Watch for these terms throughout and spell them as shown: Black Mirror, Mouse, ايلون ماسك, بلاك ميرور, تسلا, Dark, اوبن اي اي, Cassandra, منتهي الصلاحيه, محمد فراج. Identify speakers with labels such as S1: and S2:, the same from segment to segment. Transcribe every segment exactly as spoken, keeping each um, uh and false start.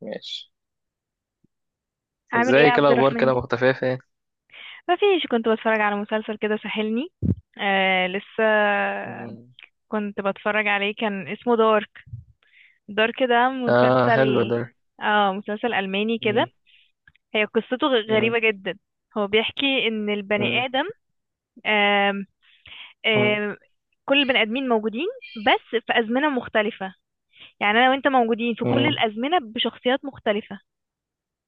S1: ماشي.
S2: عامل ايه يا
S1: ازاي كده،
S2: عبد
S1: اخبار
S2: الرحمن؟
S1: كده مختفية فين؟
S2: ما فيش، كنت بتفرج على مسلسل كده ساحلني. آه لسه.
S1: مم.
S2: كنت بتفرج عليه كان اسمه دارك. دارك ده
S1: اه،
S2: مسلسل،
S1: حلو ده.
S2: اه مسلسل ألماني كده.
S1: مم.
S2: هي قصته غ-
S1: مم.
S2: غريبة جدا. هو بيحكي ان البني
S1: مم.
S2: آدم، آم
S1: مم.
S2: آم كل البني آدمين موجودين، بس في أزمنة مختلفة. يعني انا وانت موجودين في كل
S1: مم.
S2: الأزمنة بشخصيات مختلفة.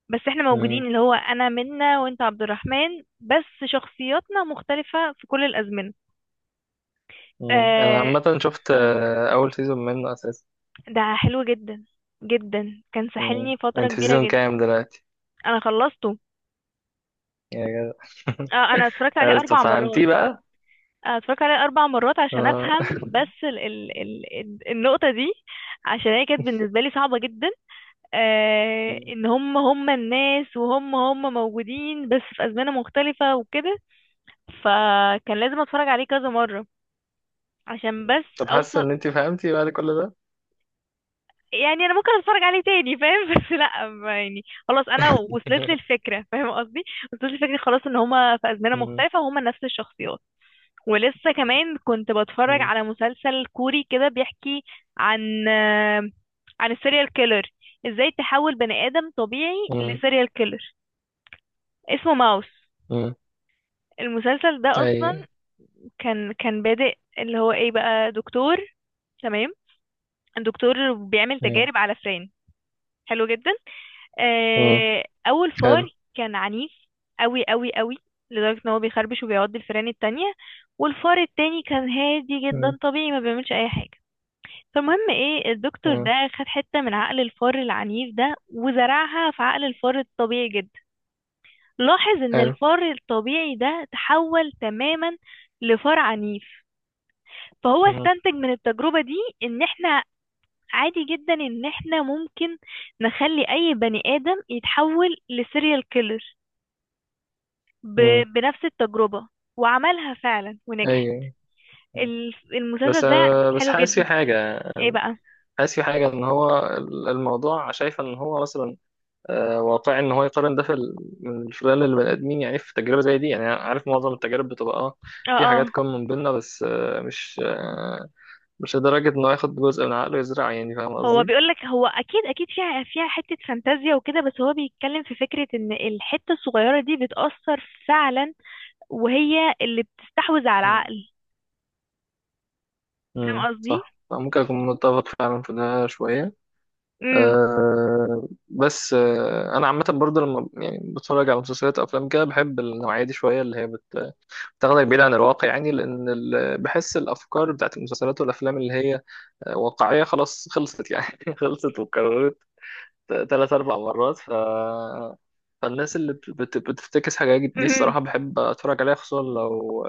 S2: بس احنا
S1: مم.
S2: موجودين، اللي هو انا منا وانت عبد الرحمن بس. شخصياتنا مختلفة في كل الازمنة.
S1: مم. انا
S2: آه،
S1: عامة شفت، آه، اول سيزون منه اساسا.
S2: ده حلو جدا جدا، كان
S1: مم.
S2: ساحلني فترة
S1: انت في
S2: كبيرة
S1: سيزون
S2: جدا.
S1: كام دلوقتي؟
S2: انا خلصته.
S1: يا جدع.
S2: آه، انا اتفرجت عليه
S1: آه، طب
S2: اربع مرات.
S1: فهمتيه بقى؟
S2: آه، اتفرجت عليه اربع مرات عشان
S1: اه.
S2: افهم. بس ال ال ال ال- النقطة دي، عشان هي كانت بالنسبة لي صعبة جدا. آه،
S1: مم.
S2: ان هم هم الناس وهم هم موجودين بس في ازمنة مختلفة وكده. فكان لازم اتفرج عليه كذا مرة عشان
S1: مم.
S2: بس
S1: طب حاسة
S2: اوصل.
S1: ان انت فهمتي بعد كل ده؟
S2: يعني انا ممكن اتفرج عليه تاني فاهم؟ بس لا ما يعني، خلاص انا وصلت لي الفكره فاهم قصدي؟ وصلت لي الفكره خلاص ان هما في ازمنه
S1: مم.
S2: مختلفه وهما نفس الشخصيات. ولسه كمان كنت بتفرج
S1: مم.
S2: على مسلسل كوري كده بيحكي عن آه، عن السيريال كيلر. ازاي تحول بني ادم طبيعي
S1: مم.
S2: لسيريال كيلر. اسمه ماوس.
S1: مم.
S2: المسلسل ده اصلا
S1: ايوه.
S2: كان كان بادئ، اللي هو ايه بقى، دكتور. تمام. الدكتور بيعمل
S1: مم.
S2: تجارب على فئران. حلو جدا.
S1: مم.
S2: آه، اول فار
S1: حلو.
S2: كان عنيف قوي قوي قوي، لدرجة ان هو بيخربش وبيعض الفئران التانية. والفار التاني كان هادي
S1: مم.
S2: جدا طبيعي ما بيعملش اي حاجة. فالمهم ايه، الدكتور ده
S1: مم.
S2: خد حتة من عقل الفار العنيف ده وزرعها في عقل الفار الطبيعي جدا. لاحظ ان
S1: حلو.
S2: الفار الطبيعي ده تحول تماما لفار عنيف. فهو
S1: مم.
S2: استنتج من التجربة دي ان احنا، عادي جدا ان احنا ممكن نخلي اي بني ادم يتحول لسيريال كيلر ب...
S1: مم.
S2: بنفس التجربة. وعملها فعلا ونجحت.
S1: ايوه. مم.
S2: الف-
S1: بس
S2: المسلسل ده
S1: آه، بس
S2: حلو
S1: حاسس في
S2: جدا.
S1: حاجة.
S2: ايه بقى؟
S1: حاسس في حاجة إن هو الموضوع شايف إن هو مثلا آه، واقعي، إن هو يقارن ده في ال- من خلال البني آدمين، يعني في تجربة زي دي. يعني أنا عارف معظم التجارب بتبقى آه
S2: اه
S1: في
S2: اه،
S1: حاجات common بينا، بس آه، مش، آه، مش لدرجة إنه ياخد جزء من عقله يزرع، يعني فاهم
S2: هو
S1: قصدي؟
S2: بيقولك هو اكيد اكيد فيها فيها حتة فانتازيا وكده، بس هو بيتكلم في فكرة ان الحتة الصغيرة دي بتأثر فعلا. وهي اللي بتستحوذ على
S1: مم.
S2: العقل، فاهم
S1: امم
S2: قصدي؟
S1: صح، ممكن أكون متفق فعلا في ده شوية.
S2: امم.
S1: أه بس أه أنا عامة برضه، لما يعني بتفرج على مسلسلات أو أفلام كده بحب النوعية دي شوية، اللي هي تاخدك بعيد عن الواقع، يعني لان ال- بحس الافكار بتاعت المسلسلات والافلام اللي هي آه، واقعيه، خلاص خلصت يعني. خلصت واتكررت ثلاث اربع مرات. ف... فالناس اللي بت... بت- بتفتكس حاجات دي،
S2: امم.
S1: الصراحه بحب اتفرج عليها، خصوصا لو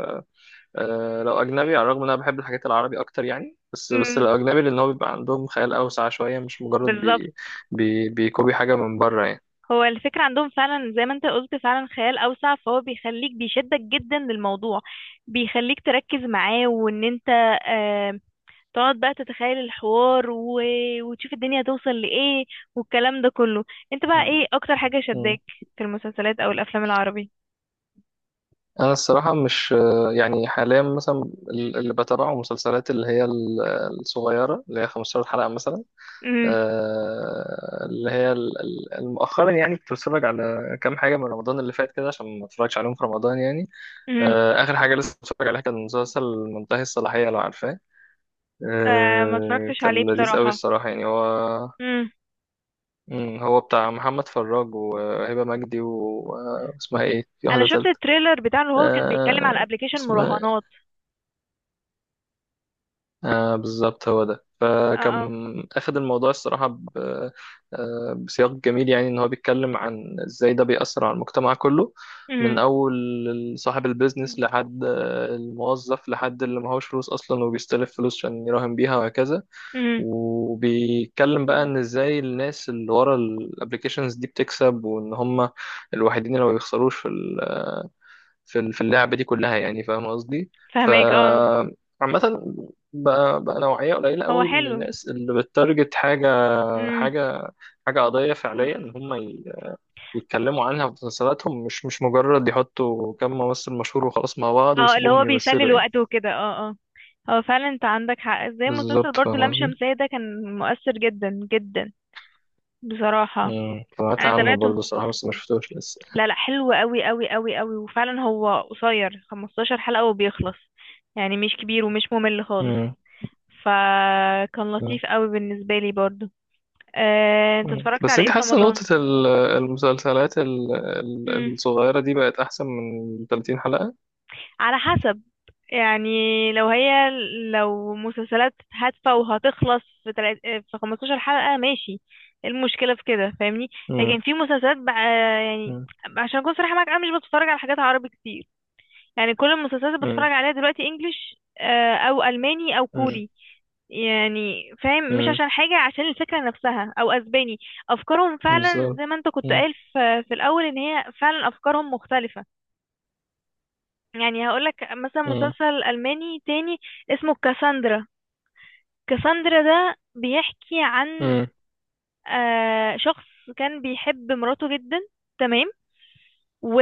S1: آه، لو اجنبي. على الرغم ان انا بحب الحاجات العربي اكتر، يعني بس بس
S2: امم.
S1: الاجنبي لان هو بيبقى عندهم خيال اوسع شويه، مش مجرد
S2: بالظبط.
S1: بي... بي... بيكوبي حاجه من بره يعني.
S2: هو الفكرة عندهم فعلا زي ما انت قلت، فعلا خيال اوسع، فهو بيخليك بيشدك جدا للموضوع. بيخليك تركز معاه وان انت آه، تقعد بقى تتخيل الحوار و... وتشوف الدنيا هتوصل لإيه والكلام ده كله. انت بقى ايه اكتر حاجة
S1: مم.
S2: شداك في المسلسلات او الافلام العربي؟
S1: انا الصراحه مش، يعني حاليا مثلا اللي بتابعه مسلسلات، اللي هي ال- الصغيره، اللي هي خمسة عشر حلقه مثلا.
S2: امم.
S1: آه، اللي هي ال- ال- مؤخرا، يعني كنت بتفرج على كام حاجه من رمضان اللي فات كده عشان ما اتفرجش عليهم في رمضان يعني.
S2: امم.
S1: آه، اخر حاجه لسه بتفرج عليها كان مسلسل منتهي الصلاحيه، لو عارفاه.
S2: آه ما
S1: آه،
S2: اتفرجتش عليه
S1: كان لذيذ قوي
S2: بصراحة.
S1: الصراحه، يعني هو.
S2: امم.
S1: مم، هو بتاع محمد فراج وهبه مجدي و- واسمها ايه، في
S2: انا
S1: واحده
S2: شفت
S1: تالته.
S2: التريلر بتاعه اللي هو كان بيتكلم على
S1: آه،
S2: ابلكيشن
S1: اسمها،
S2: مراهنات.
S1: آه، بالظبط هو ده.
S2: اه اه.
S1: فكان أخد الموضوع الصراحة، ب- آه، بسياق جميل، يعني إن هو بيتكلم عن إزاي ده بيأثر على المجتمع كله، من
S2: امم.
S1: أول صاحب البيزنس لحد آه، الموظف، لحد اللي معهوش فلوس أصلا وبيستلف فلوس عشان يراهن بيها وهكذا.
S2: امم.
S1: وبيتكلم بقى إن إزاي الناس اللي ورا الأبليكيشنز دي بتكسب، وإن هم الوحيدين اللي ما بيخسروش في ال- في اللعبة دي كلها، يعني فاهم قصدي. ف
S2: فهماك اه.
S1: عامة، بقى, بقى نوعية قليلة
S2: هو
S1: قوي من
S2: حلو.
S1: الناس اللي بتارجت حاجة
S2: امم.
S1: حاجة حاجة قضية فعليا، إن هم ي- يتكلموا عنها في مسلسلاتهم، مش مش مجرد يحطوا كم ممثل مشهور وخلاص مع بعض
S2: اه، اللي
S1: ويسيبوهم
S2: هو بيسلي
S1: يمثلوا يعني.
S2: الوقت وكده اه اه. هو فعلا انت عندك حق، زي مسلسل
S1: بالظبط،
S2: برضو
S1: فاهم
S2: لام
S1: قصدي؟
S2: شمسية ده كان مؤثر جدا جدا بصراحة.
S1: امم سمعت
S2: انا
S1: عنه
S2: تابعته.
S1: برضه الصراحة، بس ما شفتوش لسه.
S2: لا لا، حلو قوي قوي قوي قوي، وفعلا هو قصير 15 حلقة وبيخلص. يعني مش كبير ومش ممل خالص.
S1: امم.
S2: فكان
S1: أمم.
S2: لطيف قوي بالنسبة لي برضو. آه، انت
S1: أمم.
S2: اتفرجت
S1: بس
S2: على
S1: انت
S2: ايه في
S1: حاسة
S2: رمضان؟
S1: نقطة ال- المسلسلات ال-
S2: مم.
S1: ال- الصغيرة دي بقت أحسن من ثلاثين حلقة؟
S2: على حسب يعني، لو هي لو مسلسلات هادفة وهتخلص في تلات في 15 حلقة ماشي. إيه المشكلة في كده فاهمني؟ لكن في مسلسلات بقى يعني،
S1: امم.
S2: عشان اكون صريحة معاك انا مش بتفرج على حاجات عربي كتير. يعني كل المسلسلات اللي
S1: مم.
S2: بتفرج عليها دلوقتي انجليش، آه، او الماني او
S1: مم.
S2: كوري. يعني فاهم، مش
S1: مم.
S2: عشان حاجة، عشان الفكرة نفسها، او اسباني. افكارهم فعلا
S1: بالظبط.
S2: زي ما انت كنت
S1: مم.
S2: قايل في, في الاول ان هي فعلا افكارهم مختلفة. يعني هقولك مثلا
S1: مم.
S2: مسلسل الماني تاني اسمه كاساندرا. كاساندرا ده بيحكي عن
S1: مم.
S2: آه، شخص كان بيحب مراته جدا. تمام. و...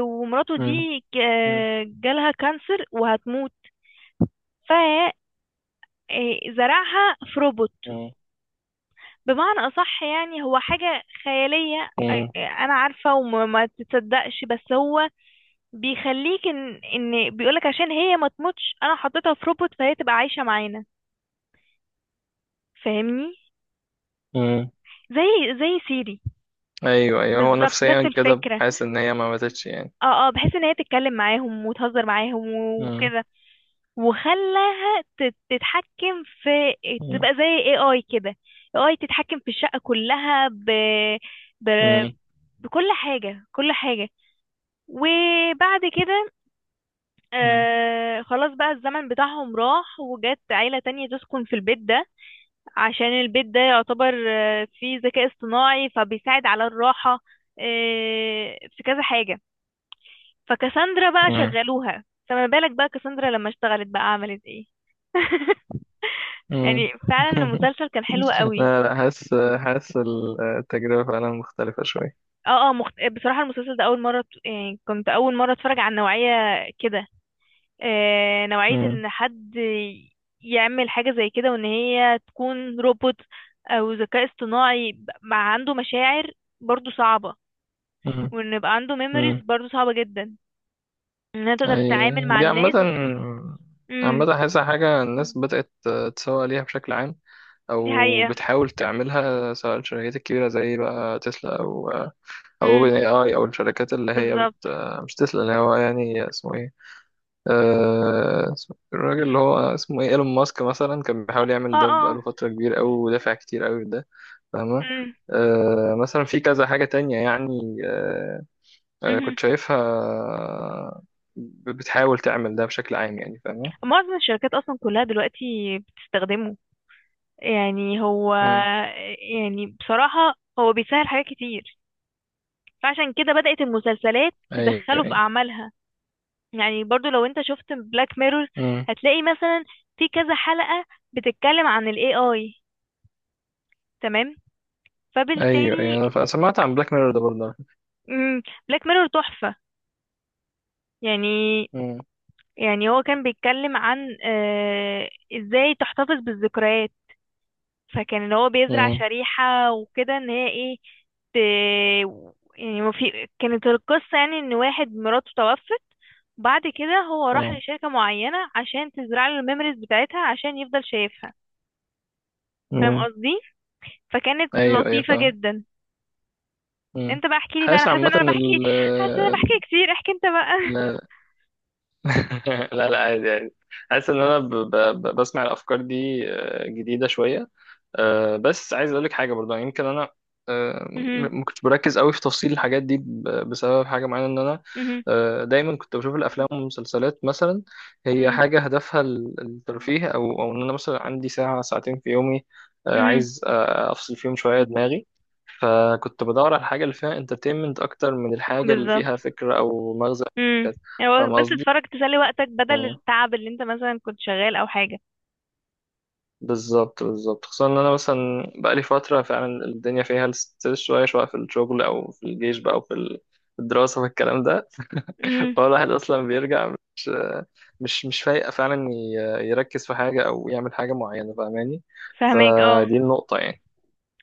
S2: ومراته
S1: مم.
S2: دي ك- جالها كانسر وهتموت. إيه، زرعها في روبوت.
S1: مم.
S2: بمعنى أصح يعني هو حاجة خيالية
S1: مم.
S2: إيه، أنا عارفة وما ما تتصدقش، بس هو بيخليك إن إن بيقولك عشان هي ما تموتش أنا حطيتها في روبوت فهي تبقى عايشة معانا. فاهمني؟
S1: مم.
S2: زي زي سيري.
S1: ايوه، ايوه، هو
S2: بالظبط
S1: نفسيا
S2: نفس
S1: كده
S2: الفكرة.
S1: حاسس ان هي ما ماتتش يعني.
S2: اه اه، بحيث ان هي تتكلم معاهم وتهزر معاهم
S1: مم.
S2: وكده. وخلاها تت- تتحكم في،
S1: مم.
S2: تبقى زي اي اي كده. اي تتحكم في الشقة كلها ب... ب...
S1: مم.
S2: بكل حاجة كل حاجة. وبعد كده
S1: مم.
S2: آه خلاص بقى الزمن بتاعهم راح، وجت عيلة تانية تسكن في البيت ده. عشان البيت ده يعتبر آه فيه ذكاء اصطناعي فبيساعد على الراحة. آه في كذا حاجة. فكاساندرا بقى
S1: مم.
S2: شغلوها. فما بالك بقى كاساندرا لما اشتغلت بقى عملت ايه؟
S1: مم.
S2: يعني فعلا المسلسل كان حلو قوي.
S1: لا، لا، حاسس حاسس التجربة فعلا مختلفة شوية.
S2: اه اه مخت... بصراحة المسلسل ده أول مرة ت- يعني كنت أول مرة أتفرج على نوعية كده. آه، نوعية
S1: مم.
S2: ان حد يعمل حاجة زي كده، وان هي تكون روبوت او ذكاء اصطناعي ب- مع عنده مشاعر، برضو صعبة.
S1: مم.
S2: وان يبقى عنده ميموريز
S1: مم.
S2: برضو صعبة جدا انها تقدر
S1: أي.
S2: تتعامل مع
S1: دي عامة
S2: الناس. امم
S1: عامة حاسسها حاجة الناس بدأت تسوق ليها بشكل عام،
S2: دي
S1: او
S2: حقيقة.
S1: بتحاول تعملها، سواء الشركات الكبيره زي بقى تسلا، او او
S2: امم.
S1: اوبن اي اي، او الشركات اللي هي بت
S2: بالظبط.
S1: مش تسلا، اللي هو يعني اسمه ايه، آه، اسمه- الراجل اللي هو اسمه ايه، ايلون ماسك مثلا كان بيحاول
S2: اه
S1: يعمل ده
S2: اه اه.
S1: بقاله فتره كبيره قوي، ودافع كتير قوي ده، فاهمه.
S2: امم.
S1: آه، مثلا في كذا حاجه تانية، يعني آه، آه،
S2: مهم.
S1: كنت شايفها ب- بتحاول تعمل ده بشكل عام، يعني فاهمه.
S2: معظم الشركات اصلا كلها دلوقتي بتستخدمه. يعني هو،
S1: مم.
S2: يعني بصراحة هو بيسهل حاجات كتير، فعشان كده بدأت المسلسلات
S1: ايوه،
S2: تدخله في
S1: ايوه.
S2: أعمالها. يعني برضو لو انت شفت بلاك ميرور
S1: مم.
S2: هتلاقي مثلا في كذا حلقة بتتكلم عن ال A I. تمام.
S1: ايوه، ايوه،
S2: فبالتالي
S1: انا ف- سمعت عن بلاك ميرور ده برضه.
S2: بلاك ميرور تحفة. يعني يعني هو كان بيتكلم عن آه ازاي تحتفظ بالذكريات. فكان اللي هو بيزرع
S1: مم.
S2: شريحة وكده ان هي ايه ت... يعني ما في كانت القصة يعني ان واحد مراته توفت. بعد كده هو راح
S1: مم.
S2: لشركة معينة عشان تزرع له الميموريز بتاعتها عشان يفضل شايفها. فاهم
S1: مم.
S2: قصدي؟ فكانت
S1: ايوه، ايوه،
S2: لطيفة
S1: فاهم.
S2: جدا.
S1: مم.
S2: انت بقى احكي لي بقى، انا
S1: حاسس
S2: حاسة
S1: عامة
S2: ان انا بحكي،
S1: ال
S2: حاسة ان انا بحكي كتير احكي انت بقى.
S1: لا. لا، لا، عادي، عادي. حاسس ان انا ب... ب... ب- بسمع الافكار دي، آه، جديدة شوية. آه، بس عايز اقول لك حاجه برضه، يعني يمكن انا، آه،
S2: مهم.
S1: م- ما كنتش بركز قوي في تفصيل الحاجات دي ب- بسبب حاجه معينه، ان انا
S2: مهم.
S1: آه، دايما كنت بشوف الافلام والمسلسلات، مثلا هي
S2: مهم.
S1: حاجه هدفها ال- الترفيه، او او ان انا مثلا عندي ساعه ساعتين في يومي، آه،
S2: مهم.
S1: عايز آه، افصل فيهم شويه دماغي. فكنت بدور على الحاجه اللي فيها انترتينمنت اكتر من الحاجه اللي
S2: بالظبط.
S1: فيها فكره او مغزى،
S2: مم. هو
S1: فاهم
S2: بس
S1: قصدي.
S2: تتفرج تسلي وقتك بدل التعب اللي انت مثلا كنت شغال او حاجة.
S1: بالظبط، بالظبط، خصوصا ان انا مثلا بقالي فتره فعلا الدنيا فيها الستريس، شويه شويه، في الشغل او في الجيش بقى، او في ال- في الدراسه في الكلام ده.
S2: امم.
S1: فهو الواحد اصلا بيرجع مش، مش مش فايق فعلا ي- يركز في حاجه، او يعمل حاجه معينه، فاهماني.
S2: فهماك اه.
S1: فدي النقطه يعني.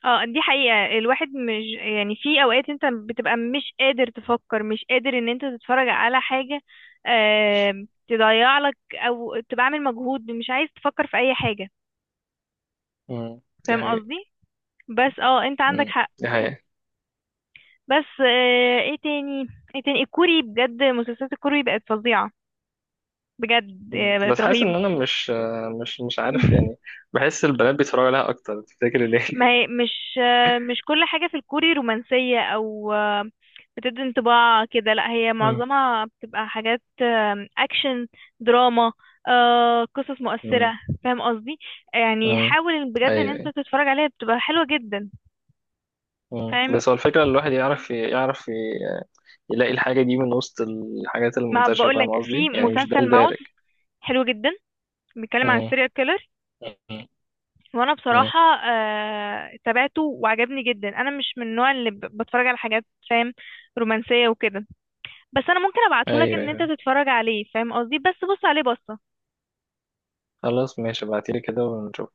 S2: اه دي حقيقة، الواحد مش يعني، في اوقات انت بتبقى مش قادر تفكر مش قادر ان انت تتفرج على حاجة آه تضيع لك، او تبقى عامل مجهود مش عايز تفكر في اي حاجة.
S1: امم دي
S2: فاهم
S1: حقيقة.
S2: قصدي؟ بس اه انت عندك
S1: امم
S2: حق.
S1: دي حقيقة.
S2: بس آه، ايه تاني؟ ايه تاني، الكوري بجد، مسلسلات الكوري بقت فظيعة بجد،
S1: امم
S2: آه، بقت
S1: بس حاسس
S2: رهيبة.
S1: ان انا مش مش مش عارف، يعني بحس البنات بيتفرجوا عليها اكتر، تفتكر ليه؟
S2: ما هي مش آه، مش كل حاجة في الكوري رومانسية او آه، بتدي انطباع كده. لا هي
S1: امم.
S2: معظمها بتبقى حاجات آه، اكشن، دراما، آه، قصص مؤثرة،
S1: امم.
S2: فاهم قصدي؟ يعني
S1: أمم.
S2: حاول بجد ان انت
S1: ايوه.
S2: تتفرج عليها بتبقى حلوة جدا.
S1: مم.
S2: فاهم؟
S1: بس هو الفكرة إن الواحد يعرف، يعرف ي- يلاقي الحاجة دي من وسط الحاجات
S2: ما
S1: المنتشرة،
S2: بقولك
S1: فاهم
S2: في
S1: قصدي؟ يعني مش ده
S2: مسلسل ماوس
S1: الدارج.
S2: حلو جدا، بيتكلم عن
S1: مم.
S2: السيريال كيلر.
S1: مم.
S2: وانا
S1: مم.
S2: بصراحه آه تابعته وعجبني جدا. انا مش من النوع اللي ب- بتفرج على حاجات فاهم، رومانسيه وكده. بس انا ممكن ابعتهولك
S1: أيوه،
S2: ان انت
S1: أيوه.
S2: تتفرج عليه فاهم قصدي؟ بس بص عليه بص.
S1: خلاص ماشي، ابعتيلي كده ونشوف.